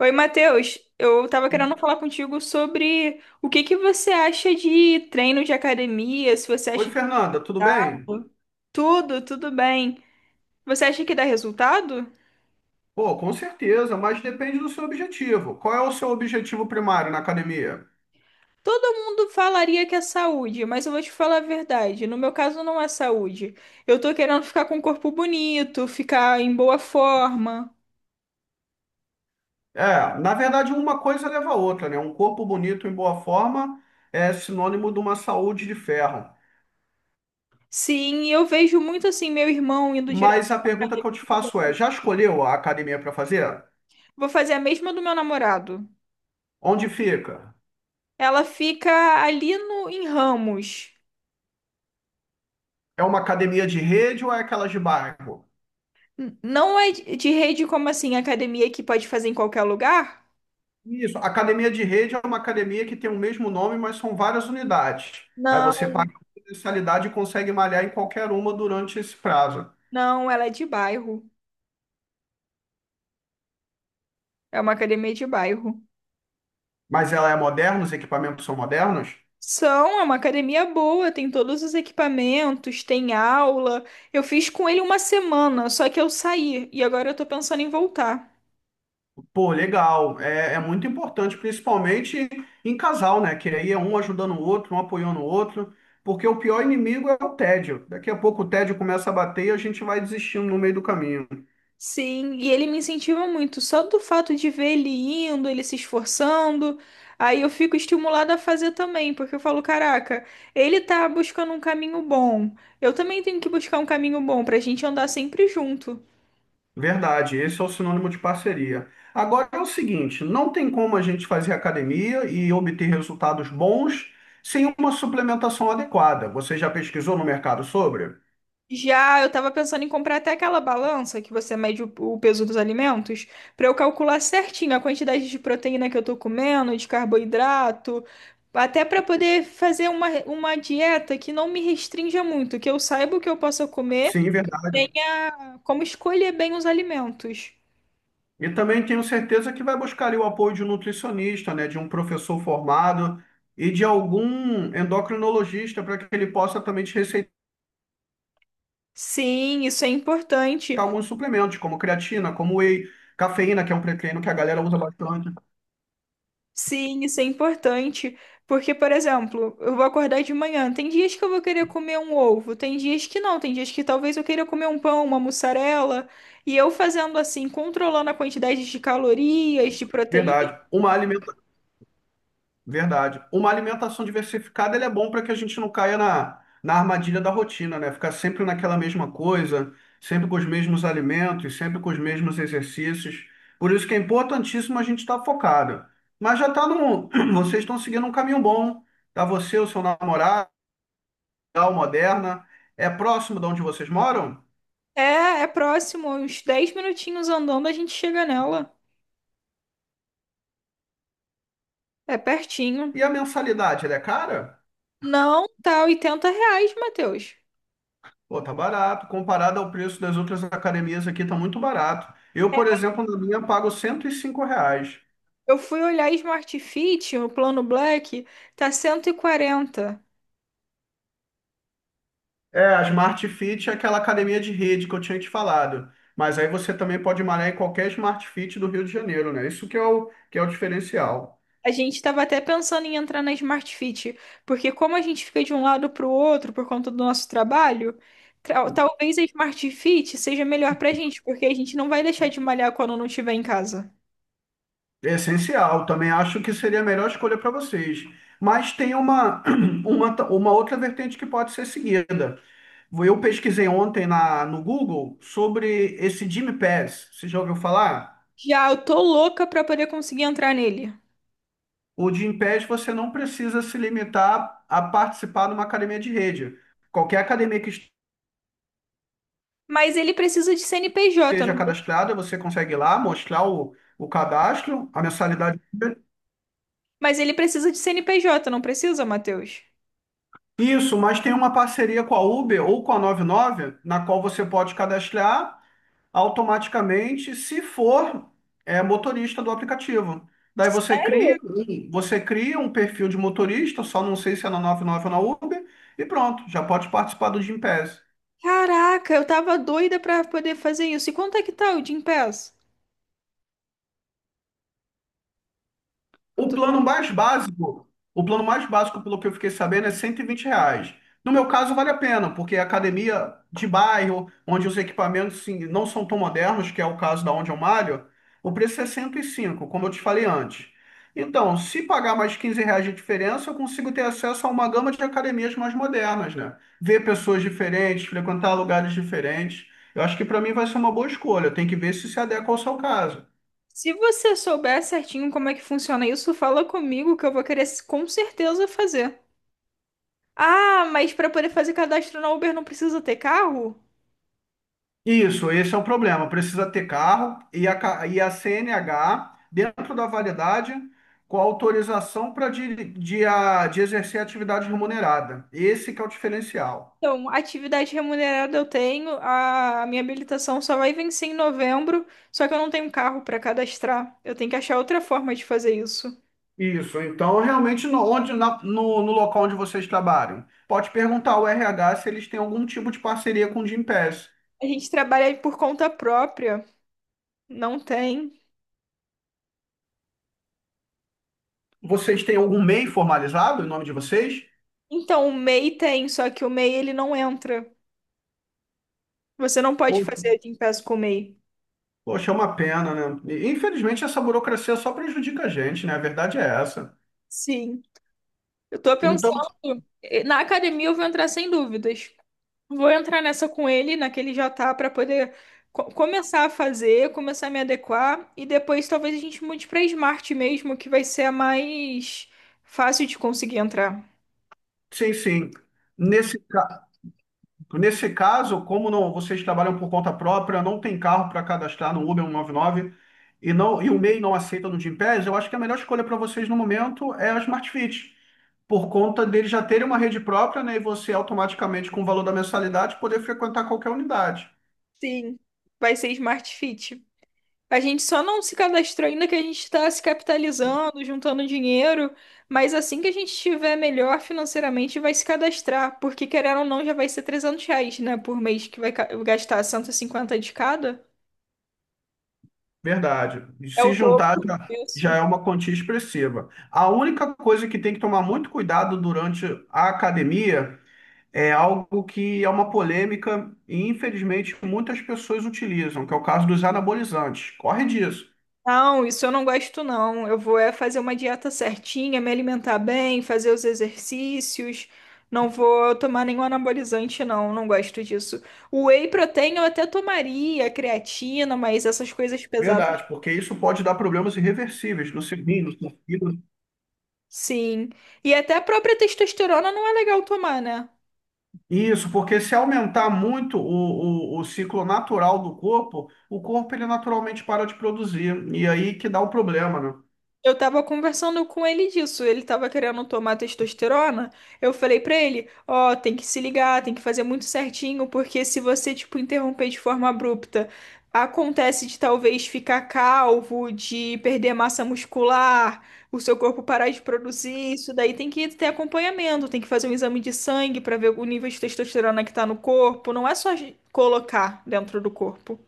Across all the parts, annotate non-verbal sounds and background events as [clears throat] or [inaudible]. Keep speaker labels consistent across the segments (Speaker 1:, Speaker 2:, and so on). Speaker 1: Oi, Matheus. Eu tava querendo falar contigo sobre o que você acha de treino de academia, se você
Speaker 2: Oi,
Speaker 1: acha que
Speaker 2: Fernanda, tudo
Speaker 1: dá.
Speaker 2: bem?
Speaker 1: Tudo bem. Você acha que dá resultado?
Speaker 2: Pô, com certeza, mas depende do seu objetivo. Qual é o seu objetivo primário na academia?
Speaker 1: Todo mundo falaria que é saúde, mas eu vou te falar a verdade. No meu caso, não é saúde. Eu tô querendo ficar com um corpo bonito, ficar em boa forma.
Speaker 2: É, na verdade, uma coisa leva a outra, né? Um corpo bonito em boa forma é sinônimo de uma saúde de ferro.
Speaker 1: Sim, e eu vejo muito assim meu irmão indo direto.
Speaker 2: Mas a pergunta que eu te faço é: já escolheu a academia para fazer?
Speaker 1: Vou fazer a mesma do meu namorado.
Speaker 2: Onde fica?
Speaker 1: Ela fica ali no, em Ramos.
Speaker 2: É uma academia de rede ou é aquela de bairro?
Speaker 1: Não é de rede, como assim, academia que pode fazer em qualquer lugar?
Speaker 2: Isso, a academia de rede é uma academia que tem o mesmo nome, mas são várias unidades. Aí
Speaker 1: Não,
Speaker 2: você paga uma mensalidade e consegue malhar em qualquer uma durante esse prazo.
Speaker 1: não, ela é de bairro. É uma academia de bairro.
Speaker 2: Mas ela é moderna, os equipamentos são modernos?
Speaker 1: São, é uma academia boa, tem todos os equipamentos, tem aula. Eu fiz com ele uma semana, só que eu saí e agora eu tô pensando em voltar.
Speaker 2: Pô, legal. É muito importante, principalmente em casal, né? Que aí é um ajudando o outro, um apoiando o outro. Porque o pior inimigo é o tédio. Daqui a pouco o tédio começa a bater e a gente vai desistindo no meio do caminho.
Speaker 1: Sim, e ele me incentiva muito, só do fato de ver ele indo, ele se esforçando, aí eu fico estimulada a fazer também, porque eu falo, caraca, ele tá buscando um caminho bom, eu também tenho que buscar um caminho bom pra gente andar sempre junto.
Speaker 2: Verdade, esse é o sinônimo de parceria. Agora é o seguinte, não tem como a gente fazer academia e obter resultados bons sem uma suplementação adequada. Você já pesquisou no mercado sobre?
Speaker 1: Já, eu tava pensando em comprar até aquela balança que você mede o peso dos alimentos, pra eu calcular certinho a quantidade de proteína que eu tô comendo, de carboidrato, até pra poder fazer uma dieta que não me restrinja muito, que eu saiba o que eu possa comer,
Speaker 2: Sim, verdade.
Speaker 1: tenha como escolher bem os alimentos.
Speaker 2: E também tenho certeza que vai buscar ali o apoio de um nutricionista, né, de um professor formado e de algum endocrinologista para que ele possa também te receitar
Speaker 1: Sim, isso é importante.
Speaker 2: alguns suplementos, como creatina, como whey, cafeína, que é um pré-treino que a galera usa bastante.
Speaker 1: Sim, isso é importante, porque, por exemplo, eu vou acordar de manhã. Tem dias que eu vou querer comer um ovo, tem dias que não, tem dias que talvez eu queira comer um pão, uma mussarela. E eu fazendo assim, controlando a quantidade de calorias, de proteína,
Speaker 2: Verdade. Uma alimentação Verdade. Uma alimentação diversificada, ele é bom para que a gente não caia na armadilha da rotina, né? Ficar sempre naquela mesma coisa, sempre com os mesmos alimentos, sempre com os mesmos exercícios. Por isso que é importantíssimo a gente estar focado. Mas já tá no, [clears throat] Vocês estão seguindo um caminho bom. Tá você, o seu namorado, a Moderna, é próximo de onde vocês moram?
Speaker 1: é, é próximo, uns 10 minutinhos andando a gente chega nela. É pertinho.
Speaker 2: E a mensalidade, ela é cara?
Speaker 1: Não, tá R$ 80, Matheus.
Speaker 2: Pô, tá barato. Comparado ao preço das outras academias aqui, tá muito barato. Eu, por exemplo, na minha pago R$ 105.
Speaker 1: Eu fui olhar Smart Fit, o plano Black, tá 140.
Speaker 2: É, a Smart Fit é aquela academia de rede que eu tinha te falado. Mas aí você também pode malhar em qualquer Smart Fit do Rio de Janeiro, né? Isso que é o diferencial.
Speaker 1: A gente estava até pensando em entrar na Smart Fit, porque como a gente fica de um lado para o outro por conta do nosso trabalho, talvez a Smart Fit seja melhor para a gente, porque a gente não vai deixar de malhar quando não estiver em casa.
Speaker 2: É essencial. Também acho que seria a melhor escolha para vocês. Mas tem [clears throat] uma outra vertente que pode ser seguida. Eu pesquisei ontem no Google sobre esse Gym Pass. Você já ouviu falar?
Speaker 1: Já, eu tô louca para poder conseguir entrar nele.
Speaker 2: O Gym Pass você não precisa se limitar a participar de uma academia de rede. Qualquer academia que
Speaker 1: Mas ele precisa de CNPJ,
Speaker 2: esteja
Speaker 1: não precisa?
Speaker 2: cadastrada, você consegue ir lá mostrar o cadastro, a mensalidade.
Speaker 1: Mas ele precisa de CNPJ, não precisa, Matheus?
Speaker 2: Isso, mas tem uma parceria com a Uber ou com a 99, na qual você pode cadastrar automaticamente se for é, motorista do aplicativo. Daí você cria um perfil de motorista, só não sei se é na 99 ou na Uber, e pronto, já pode participar do Gympass.
Speaker 1: Caraca, eu tava doida pra poder fazer isso. E quanto é que tá o Gympass?
Speaker 2: O plano mais básico, o plano mais básico, pelo que eu fiquei sabendo, é R$ 120. No meu caso, vale a pena, porque é academia de bairro, onde os equipamentos sim, não são tão modernos, que é o caso da onde eu malho, o preço é 105, como eu te falei antes. Então, se pagar mais R$ 15 de diferença, eu consigo ter acesso a uma gama de academias mais modernas, né? Ver pessoas diferentes, frequentar lugares diferentes. Eu acho que para mim vai ser uma boa escolha. Tem que ver se se adequa ao seu caso.
Speaker 1: Se você souber certinho como é que funciona isso, fala comigo que eu vou querer, com certeza, fazer. Ah, mas para poder fazer cadastro na Uber não precisa ter carro?
Speaker 2: Isso, esse é o problema. Precisa ter carro e e a CNH dentro da validade com autorização para de exercer atividade remunerada. Esse que é o diferencial.
Speaker 1: Então, atividade remunerada eu tenho, a minha habilitação só vai vencer em novembro, só que eu não tenho carro para cadastrar. Eu tenho que achar outra forma de fazer isso.
Speaker 2: Isso, então realmente no local onde vocês trabalham, pode perguntar ao RH se eles têm algum tipo de parceria com o Gympass.
Speaker 1: A gente trabalha por conta própria, não tem.
Speaker 2: Vocês têm algum MEI formalizado em nome de vocês?
Speaker 1: Então, o MEI tem, só que o MEI ele não entra. Você não
Speaker 2: Pô,
Speaker 1: pode fazer de impasse com o MEI.
Speaker 2: Poxa, é uma pena, né? E, infelizmente essa burocracia só prejudica a gente, né? A verdade é essa.
Speaker 1: Sim. Eu tô
Speaker 2: Então,
Speaker 1: pensando, na academia eu vou entrar sem dúvidas. Vou entrar nessa com ele, naquele já tá, pra poder começar a fazer, começar a me adequar, e depois talvez a gente mude pra Smart mesmo, que vai ser a mais fácil de conseguir entrar.
Speaker 2: Sim, sim. Nesse, ca- nesse caso, como não, vocês trabalham por conta própria, não tem carro para cadastrar no Uber 199 e, não, e o MEI não aceita no Gympass, eu acho que a melhor escolha para vocês no momento é a Smart Fit, por conta deles já terem uma rede própria, né, e você automaticamente, com o valor da mensalidade, poder frequentar qualquer unidade.
Speaker 1: Sim, vai ser Smart Fit. A gente só não se cadastrou ainda, que a gente está se capitalizando, juntando dinheiro, mas assim que a gente estiver melhor financeiramente, vai se cadastrar, porque querendo ou não, já vai ser R$ 300, né, por mês, que vai gastar 150 de cada.
Speaker 2: Verdade. E
Speaker 1: É
Speaker 2: se
Speaker 1: o
Speaker 2: juntar
Speaker 1: dobro
Speaker 2: já,
Speaker 1: disso.
Speaker 2: já é uma quantia expressiva. A única coisa que tem que tomar muito cuidado durante a academia é algo que é uma polêmica e, infelizmente, muitas pessoas utilizam, que é o caso dos anabolizantes. Corre disso.
Speaker 1: Não, isso eu não gosto, não. Eu vou é fazer uma dieta certinha, me alimentar bem, fazer os exercícios. Não vou tomar nenhum anabolizante, não. Não gosto disso. O whey protein eu até tomaria, creatina, mas essas coisas pesadas.
Speaker 2: Verdade, porque isso pode dar problemas irreversíveis no fígado.
Speaker 1: Sim. E até a própria testosterona não é legal tomar, né?
Speaker 2: Isso, porque se aumentar muito o ciclo natural do corpo, o corpo ele naturalmente para de produzir. E aí que dá o problema, né?
Speaker 1: Eu tava conversando com ele disso. Ele tava querendo tomar testosterona. Eu falei pra ele, ó, tem que se ligar, tem que fazer muito certinho, porque se você, tipo, interromper de forma abrupta, acontece de talvez ficar calvo, de perder massa muscular, o seu corpo parar de produzir. Isso daí tem que ter acompanhamento, tem que fazer um exame de sangue pra ver o nível de testosterona que tá no corpo. Não é só colocar dentro do corpo.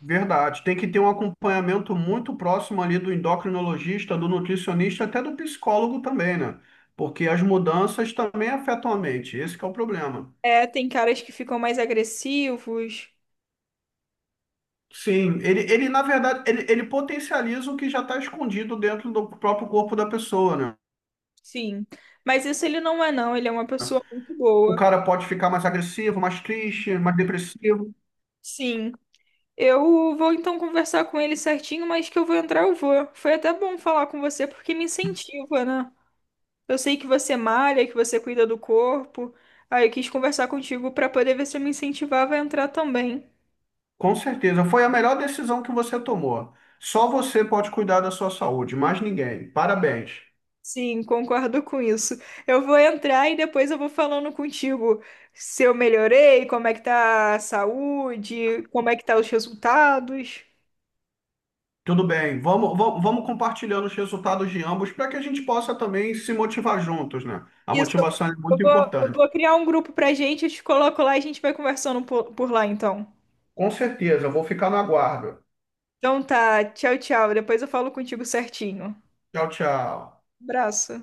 Speaker 2: Verdade. Tem que ter um acompanhamento muito próximo ali do endocrinologista, do nutricionista, até do psicólogo também, né? Porque as mudanças também afetam a mente. Esse que é o problema.
Speaker 1: É, tem caras que ficam mais agressivos,
Speaker 2: Sim, ele na verdade, ele potencializa o que já está escondido dentro do próprio corpo da pessoa, né?
Speaker 1: sim. Mas isso ele não é, não. Ele é uma pessoa muito
Speaker 2: O
Speaker 1: boa.
Speaker 2: cara pode ficar mais agressivo, mais triste, mais depressivo.
Speaker 1: Sim. Eu vou então conversar com ele certinho, mas que eu vou entrar, eu vou. Foi até bom falar com você porque me incentiva, né? Eu sei que você malha, que você cuida do corpo. Aí eu quis conversar contigo pra poder ver se eu me incentivava a entrar também.
Speaker 2: Com certeza. Foi a melhor decisão que você tomou. Só você pode cuidar da sua saúde, mais ninguém. Parabéns.
Speaker 1: Sim, concordo com isso. Eu vou entrar e depois eu vou falando contigo se eu melhorei, como é que tá a saúde, como é que tá os resultados.
Speaker 2: Tudo bem, vamos compartilhando os resultados de ambos para que a gente possa também se motivar juntos, né? A
Speaker 1: Isso.
Speaker 2: motivação é
Speaker 1: Eu
Speaker 2: muito
Speaker 1: vou, eu
Speaker 2: importante.
Speaker 1: vou criar um grupo pra gente, eu te coloco lá e a gente vai conversando por lá então.
Speaker 2: Com certeza, eu vou ficar no aguardo.
Speaker 1: Então tá, tchau, tchau. Depois eu falo contigo certinho.
Speaker 2: Tchau, tchau.
Speaker 1: Abraço.